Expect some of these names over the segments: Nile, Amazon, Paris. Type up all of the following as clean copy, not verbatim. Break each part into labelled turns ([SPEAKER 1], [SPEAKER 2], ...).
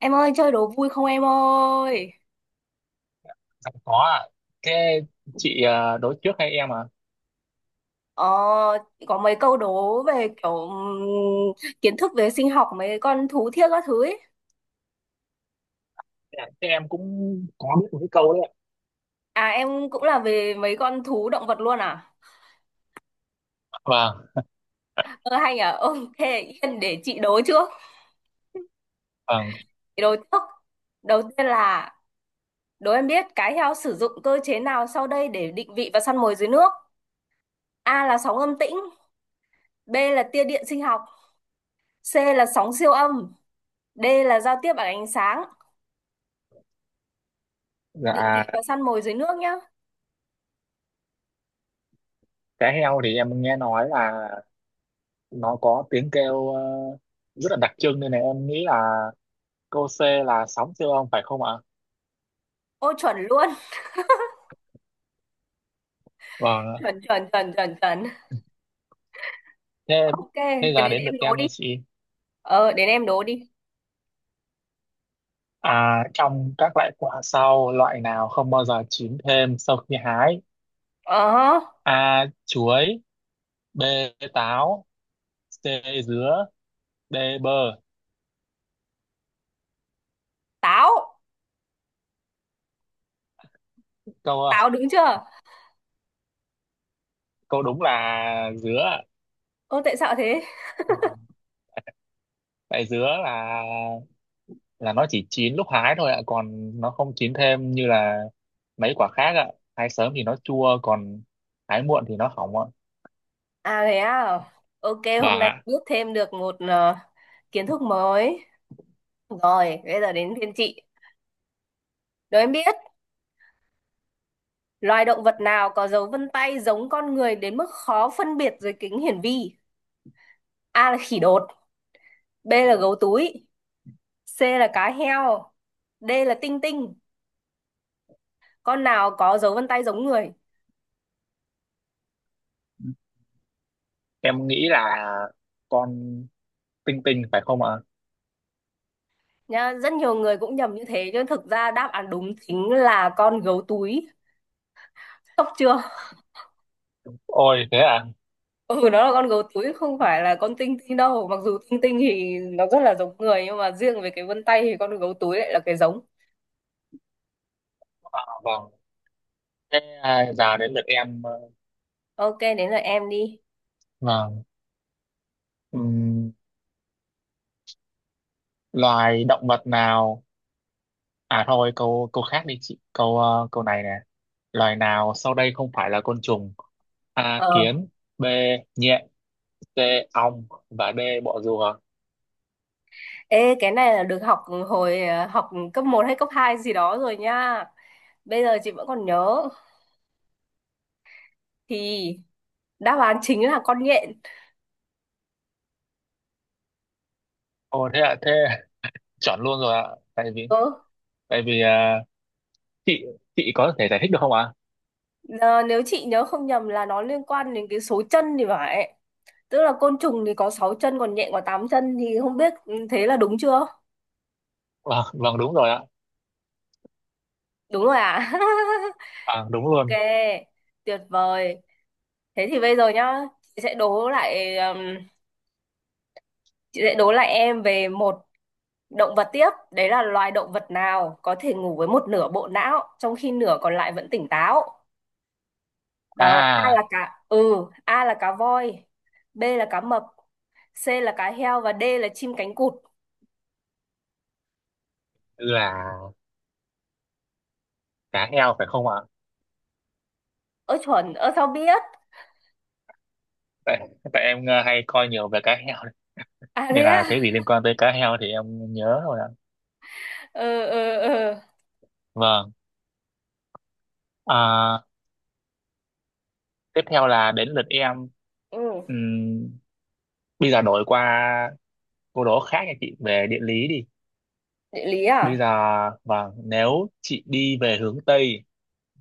[SPEAKER 1] Em ơi chơi đố vui không em ơi?
[SPEAKER 2] Dạ, có ạ. thế chị đối trước hay em?
[SPEAKER 1] Ờ, có mấy câu đố về kiểu kiến thức về sinh học mấy con thú thiết các thứ ấy.
[SPEAKER 2] Dạ, thế em cũng có biết một cái câu đấy ạ.
[SPEAKER 1] À em cũng là về mấy con thú động vật luôn à?
[SPEAKER 2] Vâng
[SPEAKER 1] Ờ hay nhỉ? Ok. Yên để chị đố trước.
[SPEAKER 2] vâng
[SPEAKER 1] Chị đố trước. Đầu tiên là đố em biết cái heo sử dụng cơ chế nào sau đây để định vị và săn mồi dưới nước? A là sóng âm tĩnh, B là tia điện sinh học, C là sóng siêu âm, D là giao tiếp bằng ánh sáng. Định
[SPEAKER 2] Dạ,
[SPEAKER 1] vị và săn mồi dưới nước nhá.
[SPEAKER 2] cá heo thì em nghe nói là nó có tiếng kêu, rất là đặc trưng, nên là em nghĩ là câu C là sóng siêu âm phải không ạ?
[SPEAKER 1] Ô chuẩn luôn.
[SPEAKER 2] Vâng.
[SPEAKER 1] Chuẩn, chuẩn, chuẩn, chuẩn, chuẩn.
[SPEAKER 2] thế
[SPEAKER 1] Ok,
[SPEAKER 2] Thế
[SPEAKER 1] thế
[SPEAKER 2] giờ
[SPEAKER 1] đến
[SPEAKER 2] đến lượt
[SPEAKER 1] em đố
[SPEAKER 2] em nha
[SPEAKER 1] đi.
[SPEAKER 2] chị.
[SPEAKER 1] Đến em đố đi.
[SPEAKER 2] À, trong các loại quả sau, loại nào không bao giờ chín thêm sau khi hái?
[SPEAKER 1] ờ hơ,
[SPEAKER 2] A chuối, B táo, C dứa, D bơ.
[SPEAKER 1] Táo.
[SPEAKER 2] câu
[SPEAKER 1] Táo
[SPEAKER 2] ờ,
[SPEAKER 1] đúng chưa?
[SPEAKER 2] Câu đúng là dứa.
[SPEAKER 1] Ô tại sao thế?
[SPEAKER 2] Tại dứa là nó chỉ chín lúc hái thôi ạ, còn nó không chín thêm như là mấy quả khác ạ. Hái sớm thì nó chua, còn hái muộn thì nó hỏng ạ.
[SPEAKER 1] À thế à. Ok, hôm
[SPEAKER 2] Vâng
[SPEAKER 1] nay
[SPEAKER 2] ạ.
[SPEAKER 1] biết thêm được một kiến thức mới. Rồi bây giờ đến phiên chị đố em biết loài động vật nào có dấu vân tay giống con người đến mức khó phân biệt dưới kính hiển vi. A là khỉ đột, B là gấu túi, C là cá heo, D là tinh tinh. Con nào có dấu vân tay giống người?
[SPEAKER 2] Em nghĩ là con tinh tinh phải không ạ?
[SPEAKER 1] Nhá, rất nhiều người cũng nhầm như thế nhưng thực ra đáp án đúng chính là con gấu túi. Sốc chưa?
[SPEAKER 2] Ôi thế à.
[SPEAKER 1] Ừ, nó là con gấu túi không phải là con tinh tinh đâu, mặc dù tinh tinh thì nó rất là giống người nhưng mà riêng về cái vân tay thì con gấu túi lại là cái giống.
[SPEAKER 2] Vâng, thế à, giờ đến lượt em.
[SPEAKER 1] Ok, đến là em đi.
[SPEAKER 2] Vâng. Ừm, Loài động vật nào... à thôi, câu câu khác đi chị, câu này nè. Loài nào sau đây không phải là côn trùng? A
[SPEAKER 1] Ờ.
[SPEAKER 2] kiến, B nhện, C ong và D bọ rùa.
[SPEAKER 1] Ê cái này là được học hồi học cấp một hay cấp 2 gì đó rồi nha. Bây giờ chị vẫn còn nhớ thì đáp án chính là con nhện.
[SPEAKER 2] Ồ thế ạ, thế chọn luôn rồi ạ. Tại vì...
[SPEAKER 1] Ừ.
[SPEAKER 2] tại vì à, chị chị có thể giải thích được không ạ?
[SPEAKER 1] ờ, Nếu chị nhớ không nhầm là nó liên quan đến cái số chân thì phải. Tức là côn trùng thì có 6 chân còn nhện có 8 chân thì không biết thế là đúng chưa?
[SPEAKER 2] Vâng vâng, đúng rồi ạ.
[SPEAKER 1] Đúng rồi à?
[SPEAKER 2] À, đúng luôn.
[SPEAKER 1] Ok, tuyệt vời. Thế thì bây giờ nhá, chị sẽ đố lại um, chị sẽ đố lại em về một động vật tiếp. Đấy là loài động vật nào có thể ngủ với một nửa bộ não trong khi nửa còn lại vẫn tỉnh táo. Đó,
[SPEAKER 2] À
[SPEAKER 1] A là cá voi, B là cá mập, C là cá heo và D là chim cánh cụt.
[SPEAKER 2] là cá heo phải không ạ?
[SPEAKER 1] Ơ chuẩn, ơ sao biết?
[SPEAKER 2] Tại Tại em hay coi nhiều về cá heo đấy.
[SPEAKER 1] À thế
[SPEAKER 2] Nên
[SPEAKER 1] à?
[SPEAKER 2] là cái gì liên quan tới cá heo thì em nhớ rồi ạ.
[SPEAKER 1] Ừ, ừ, ừ.
[SPEAKER 2] Vâng. À, tiếp theo là đến lượt em.
[SPEAKER 1] Ừ.
[SPEAKER 2] Ừm, Bây giờ đổi qua câu đố khác nha chị, về địa lý đi.
[SPEAKER 1] Địa lý
[SPEAKER 2] Bây giờ
[SPEAKER 1] à?
[SPEAKER 2] vâng, nếu chị đi về hướng Tây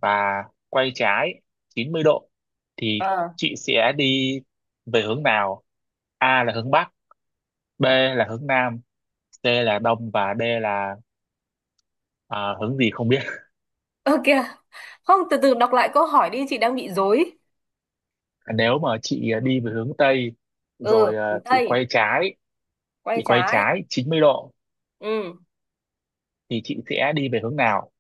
[SPEAKER 2] và quay trái 90 độ thì
[SPEAKER 1] Ờ.
[SPEAKER 2] chị sẽ đi về hướng nào? A là hướng Bắc, B là hướng Nam, C là Đông và D là à, hướng gì không biết.
[SPEAKER 1] Ơ kìa. Không, từ từ đọc lại câu hỏi đi, chị đang bị rối.
[SPEAKER 2] Nếu mà chị đi về hướng Tây
[SPEAKER 1] Ừ,
[SPEAKER 2] rồi à,
[SPEAKER 1] hướng
[SPEAKER 2] chị
[SPEAKER 1] Tây,
[SPEAKER 2] quay trái,
[SPEAKER 1] quay
[SPEAKER 2] chị quay
[SPEAKER 1] trái.
[SPEAKER 2] trái 90 độ
[SPEAKER 1] Ừ,
[SPEAKER 2] thì chị sẽ đi về hướng nào?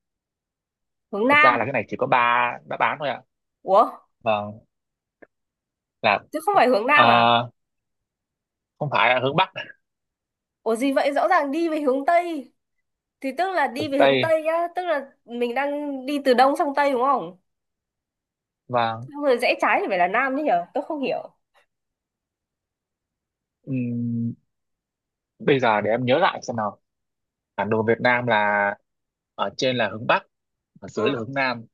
[SPEAKER 1] hướng
[SPEAKER 2] Thật
[SPEAKER 1] Nam.
[SPEAKER 2] ra là cái này chỉ có ba đáp án thôi ạ.
[SPEAKER 1] Ủa,
[SPEAKER 2] Vâng, là
[SPEAKER 1] chứ không phải hướng Nam à?
[SPEAKER 2] à, không phải là hướng Bắc,
[SPEAKER 1] Ủa gì vậy? Rõ ràng đi về hướng Tây. Thì tức là đi
[SPEAKER 2] hướng
[SPEAKER 1] về hướng
[SPEAKER 2] Tây.
[SPEAKER 1] Tây nhá. Tức là mình đang đi từ Đông sang Tây đúng không?
[SPEAKER 2] Và...
[SPEAKER 1] Xong rồi rẽ trái thì phải là Nam chứ nhở? Tôi không hiểu.
[SPEAKER 2] Ừm, bây giờ để em nhớ lại xem nào. Bản đồ Việt Nam là ở trên là hướng Bắc, ở dưới
[SPEAKER 1] Ừ,
[SPEAKER 2] là hướng Nam,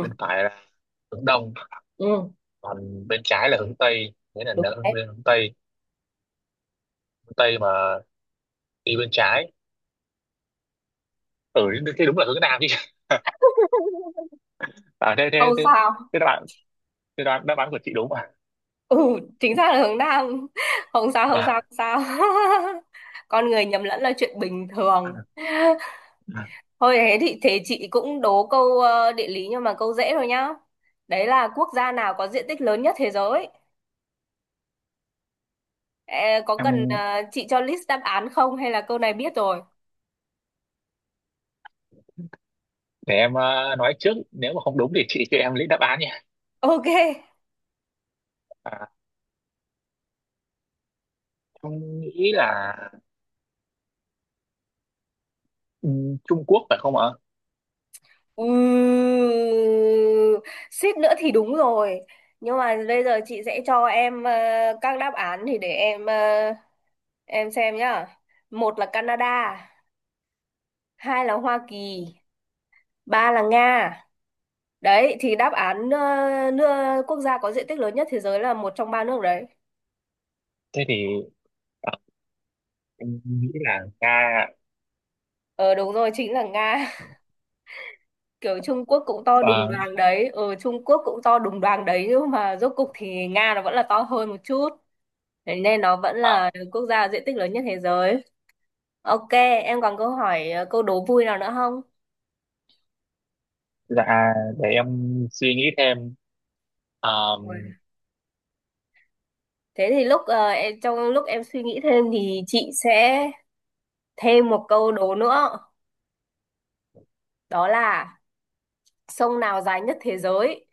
[SPEAKER 2] bên phải là hướng Đông,
[SPEAKER 1] ừ,
[SPEAKER 2] còn bên trái là hướng Tây. Thế là
[SPEAKER 1] đúng
[SPEAKER 2] nở
[SPEAKER 1] đấy.
[SPEAKER 2] bên hướng Tây, hướng Tây mà đi bên trái, ừ thế thế đúng là hướng Nam chứ. À thế thế
[SPEAKER 1] Không
[SPEAKER 2] thế
[SPEAKER 1] sao.
[SPEAKER 2] thế đáp án thế đáp án, của chị đúng à?
[SPEAKER 1] Ừ, chính xác là hướng Nam. Không sao, không
[SPEAKER 2] Vâng.
[SPEAKER 1] sao, không sao. Con người nhầm lẫn là chuyện bình thường. Thôi thế thì chị cũng đố câu địa lý nhưng mà câu dễ thôi nhá. Đấy là quốc gia nào có diện tích lớn nhất thế giới? Ê, có cần
[SPEAKER 2] em
[SPEAKER 1] chị cho list đáp án không hay là câu này biết rồi?
[SPEAKER 2] để em nói trước, nếu mà không đúng thì chị cho em lấy đáp án nha.
[SPEAKER 1] Ok.
[SPEAKER 2] À, em nghĩ là Trung Quốc phải không ạ?
[SPEAKER 1] Ừ, suýt nữa thì đúng rồi. Nhưng mà bây giờ chị sẽ cho em các đáp án thì để em xem nhá. Một là Canada, hai là Hoa Kỳ, ba là Nga. Đấy thì đáp án nước quốc gia có diện tích lớn nhất thế giới là một trong ba nước đấy.
[SPEAKER 2] Thế thì ờ, em nghĩ là Nga.
[SPEAKER 1] Ờ đúng rồi chính là Nga. Kiểu Trung Quốc cũng to đùng
[SPEAKER 2] Ờ.
[SPEAKER 1] đoàng đấy. Ờ Trung Quốc cũng to đùng đoàng đấy nhưng mà rốt cục thì Nga nó vẫn là to hơn một chút. Thế nên nó vẫn
[SPEAKER 2] Ờ,
[SPEAKER 1] là quốc gia diện tích lớn nhất thế giới. Ok, em còn câu đố vui nào nữa không?
[SPEAKER 2] dạ để em suy nghĩ thêm. Ờ,
[SPEAKER 1] Ui. Thế thì trong lúc em suy nghĩ thêm thì chị sẽ thêm một câu đố nữa. Đó là sông nào dài nhất thế giới?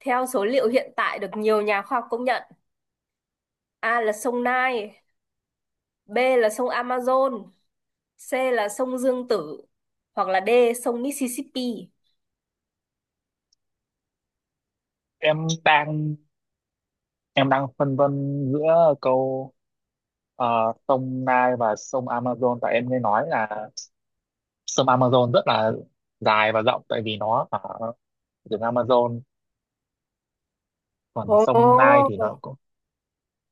[SPEAKER 1] Theo số liệu hiện tại được nhiều nhà khoa học công nhận, A là sông Nile, B là sông Amazon, C là sông Dương Tử, hoặc là D sông Mississippi.
[SPEAKER 2] em đang em đang phân vân giữa câu ờ, sông Nile và sông Amazon. Tại em nghe nói là sông Amazon rất là dài và rộng, tại vì nó ở rừng Amazon. Còn
[SPEAKER 1] Ồ.
[SPEAKER 2] sông Nile thì nó cũng...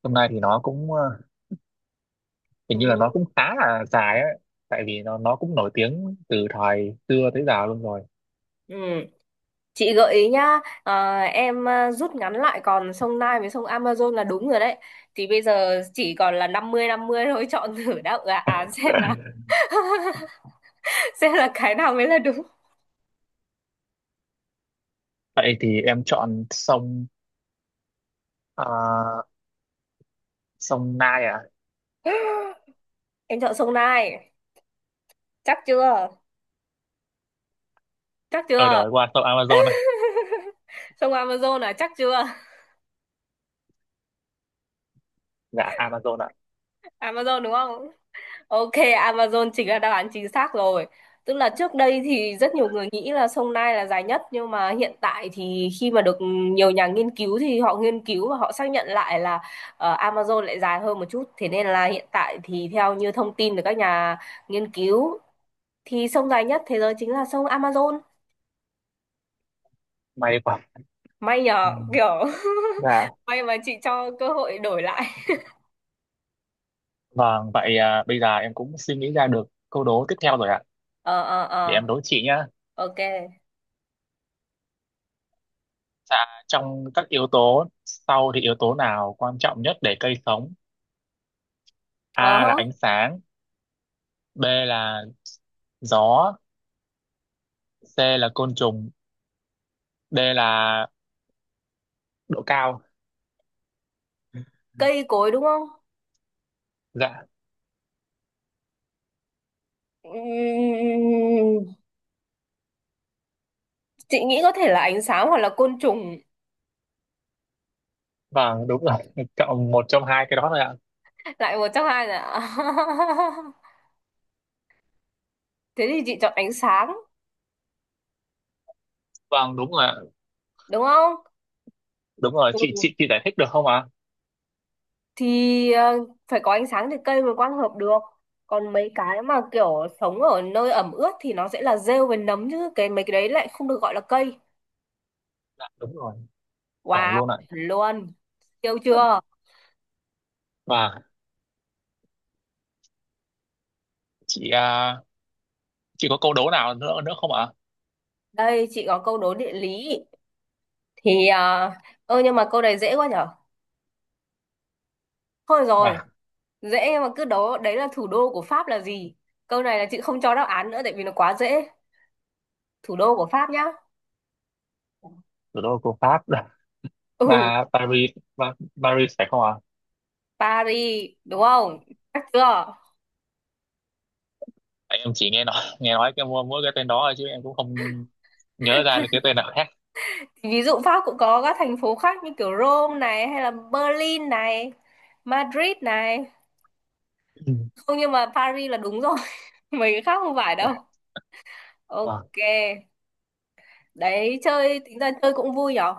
[SPEAKER 2] sông Nile thì nó cũng ờ, hình như là nó
[SPEAKER 1] Ừ.
[SPEAKER 2] cũng khá là dài ấy, tại vì nó cũng nổi tiếng từ thời xưa tới giờ luôn rồi.
[SPEAKER 1] Ừ. Chị gợi ý nhá, à, em à, rút ngắn lại còn sông Nile với sông Amazon là đúng rồi đấy. Thì bây giờ chỉ còn là 50-50 thôi, chọn thử đáp án xem là xem là cái nào mới là đúng.
[SPEAKER 2] Vậy thì em chọn sông ờ, sông Nile ạ.
[SPEAKER 1] Em chọn sông Nile, chắc chưa? Chắc
[SPEAKER 2] Ờ,
[SPEAKER 1] chưa?
[SPEAKER 2] đổi qua shop Amazon này.
[SPEAKER 1] Sông Amazon là chắc chưa?
[SPEAKER 2] Dạ Amazon ạ.
[SPEAKER 1] Amazon đúng không? Ok, Amazon chính là đáp án chính xác rồi. Tức là trước đây thì rất nhiều người nghĩ là sông Nile là dài nhất nhưng mà hiện tại thì khi mà được nhiều nhà nghiên cứu thì họ nghiên cứu và họ xác nhận lại là Amazon lại dài hơn một chút. Thế nên là hiện tại thì theo như thông tin từ các nhà nghiên cứu thì sông dài nhất thế giới chính là sông Amazon.
[SPEAKER 2] May quá.
[SPEAKER 1] May
[SPEAKER 2] Ừ.
[SPEAKER 1] nhờ, kiểu
[SPEAKER 2] Dạ.
[SPEAKER 1] may mà chị cho cơ hội đổi lại.
[SPEAKER 2] Vâng, vậy à, bây giờ em cũng suy nghĩ ra được câu đố tiếp theo rồi ạ.
[SPEAKER 1] Ờ, ờ,
[SPEAKER 2] Để
[SPEAKER 1] ờ,
[SPEAKER 2] em đố chị nhá.
[SPEAKER 1] ok.
[SPEAKER 2] Dạ, trong các yếu tố sau thì yếu tố nào quan trọng nhất để cây sống?
[SPEAKER 1] Ờ,
[SPEAKER 2] A là ánh sáng, B là gió, C là côn trùng, D là độ cao.
[SPEAKER 1] cây cối đúng không?
[SPEAKER 2] Dạ
[SPEAKER 1] Ừm, chị nghĩ có thể là ánh sáng hoặc là côn trùng.
[SPEAKER 2] vâng đúng rồi, chọn một trong hai cái đó thôi ạ.
[SPEAKER 1] Lại một trong hai là. Thế thì chị chọn ánh sáng,
[SPEAKER 2] Vâng đúng rồi ạ.
[SPEAKER 1] đúng không?
[SPEAKER 2] Đúng rồi, chị,
[SPEAKER 1] Ừ.
[SPEAKER 2] chị giải thích được không ạ?
[SPEAKER 1] Thì phải có ánh sáng thì cây mới quang hợp được còn mấy cái mà kiểu sống ở nơi ẩm ướt thì nó sẽ là rêu với nấm chứ cái mấy cái đấy lại không được gọi là cây.
[SPEAKER 2] Dạ đúng rồi. Vâng
[SPEAKER 1] Wow,
[SPEAKER 2] luôn ạ.
[SPEAKER 1] chuẩn luôn. Siêu chưa?
[SPEAKER 2] Và chị à, chị có câu đố nào nữa nữa không ạ?
[SPEAKER 1] Đây chị có câu đố địa lý thì ơ nhưng mà câu này dễ quá nhở, thôi rồi.
[SPEAKER 2] À,
[SPEAKER 1] Dễ mà cứ đó, đấy là thủ đô của Pháp là gì? Câu này là chị không cho đáp án nữa tại vì nó quá dễ. Thủ đô của Pháp nhá.
[SPEAKER 2] thủ đô của Pháp là
[SPEAKER 1] Ừ,
[SPEAKER 2] Ba... Paris, ba, Paris phải không ạ?
[SPEAKER 1] Paris, đúng không? Chắc chưa?
[SPEAKER 2] À? Em chỉ nghe nói cái mỗi mỗi cái tên đó thôi, chứ em cũng không nhớ ra được cái tên nào khác.
[SPEAKER 1] Ví dụ Pháp cũng có các thành phố khác như kiểu Rome này hay là Berlin này, Madrid này.
[SPEAKER 2] Ừ.
[SPEAKER 1] Không nhưng mà Paris là đúng rồi, mấy cái khác không phải
[SPEAKER 2] Dạ.
[SPEAKER 1] đâu.
[SPEAKER 2] Vâng.
[SPEAKER 1] Ok, đấy chơi tính ra chơi cũng vui nhở?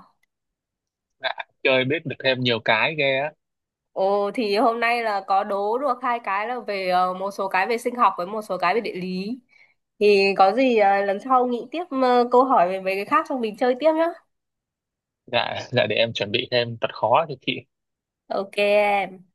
[SPEAKER 2] Dạ, chơi biết được thêm nhiều cái ghê á.
[SPEAKER 1] Ồ thì hôm nay là có đố được hai cái là về một số cái về sinh học với một số cái về địa lý. Thì có gì lần sau nghĩ tiếp câu hỏi về mấy cái khác xong mình chơi tiếp nhá.
[SPEAKER 2] Dạ, dạ để em chuẩn bị thêm thật khó cho chị.
[SPEAKER 1] Ok, em.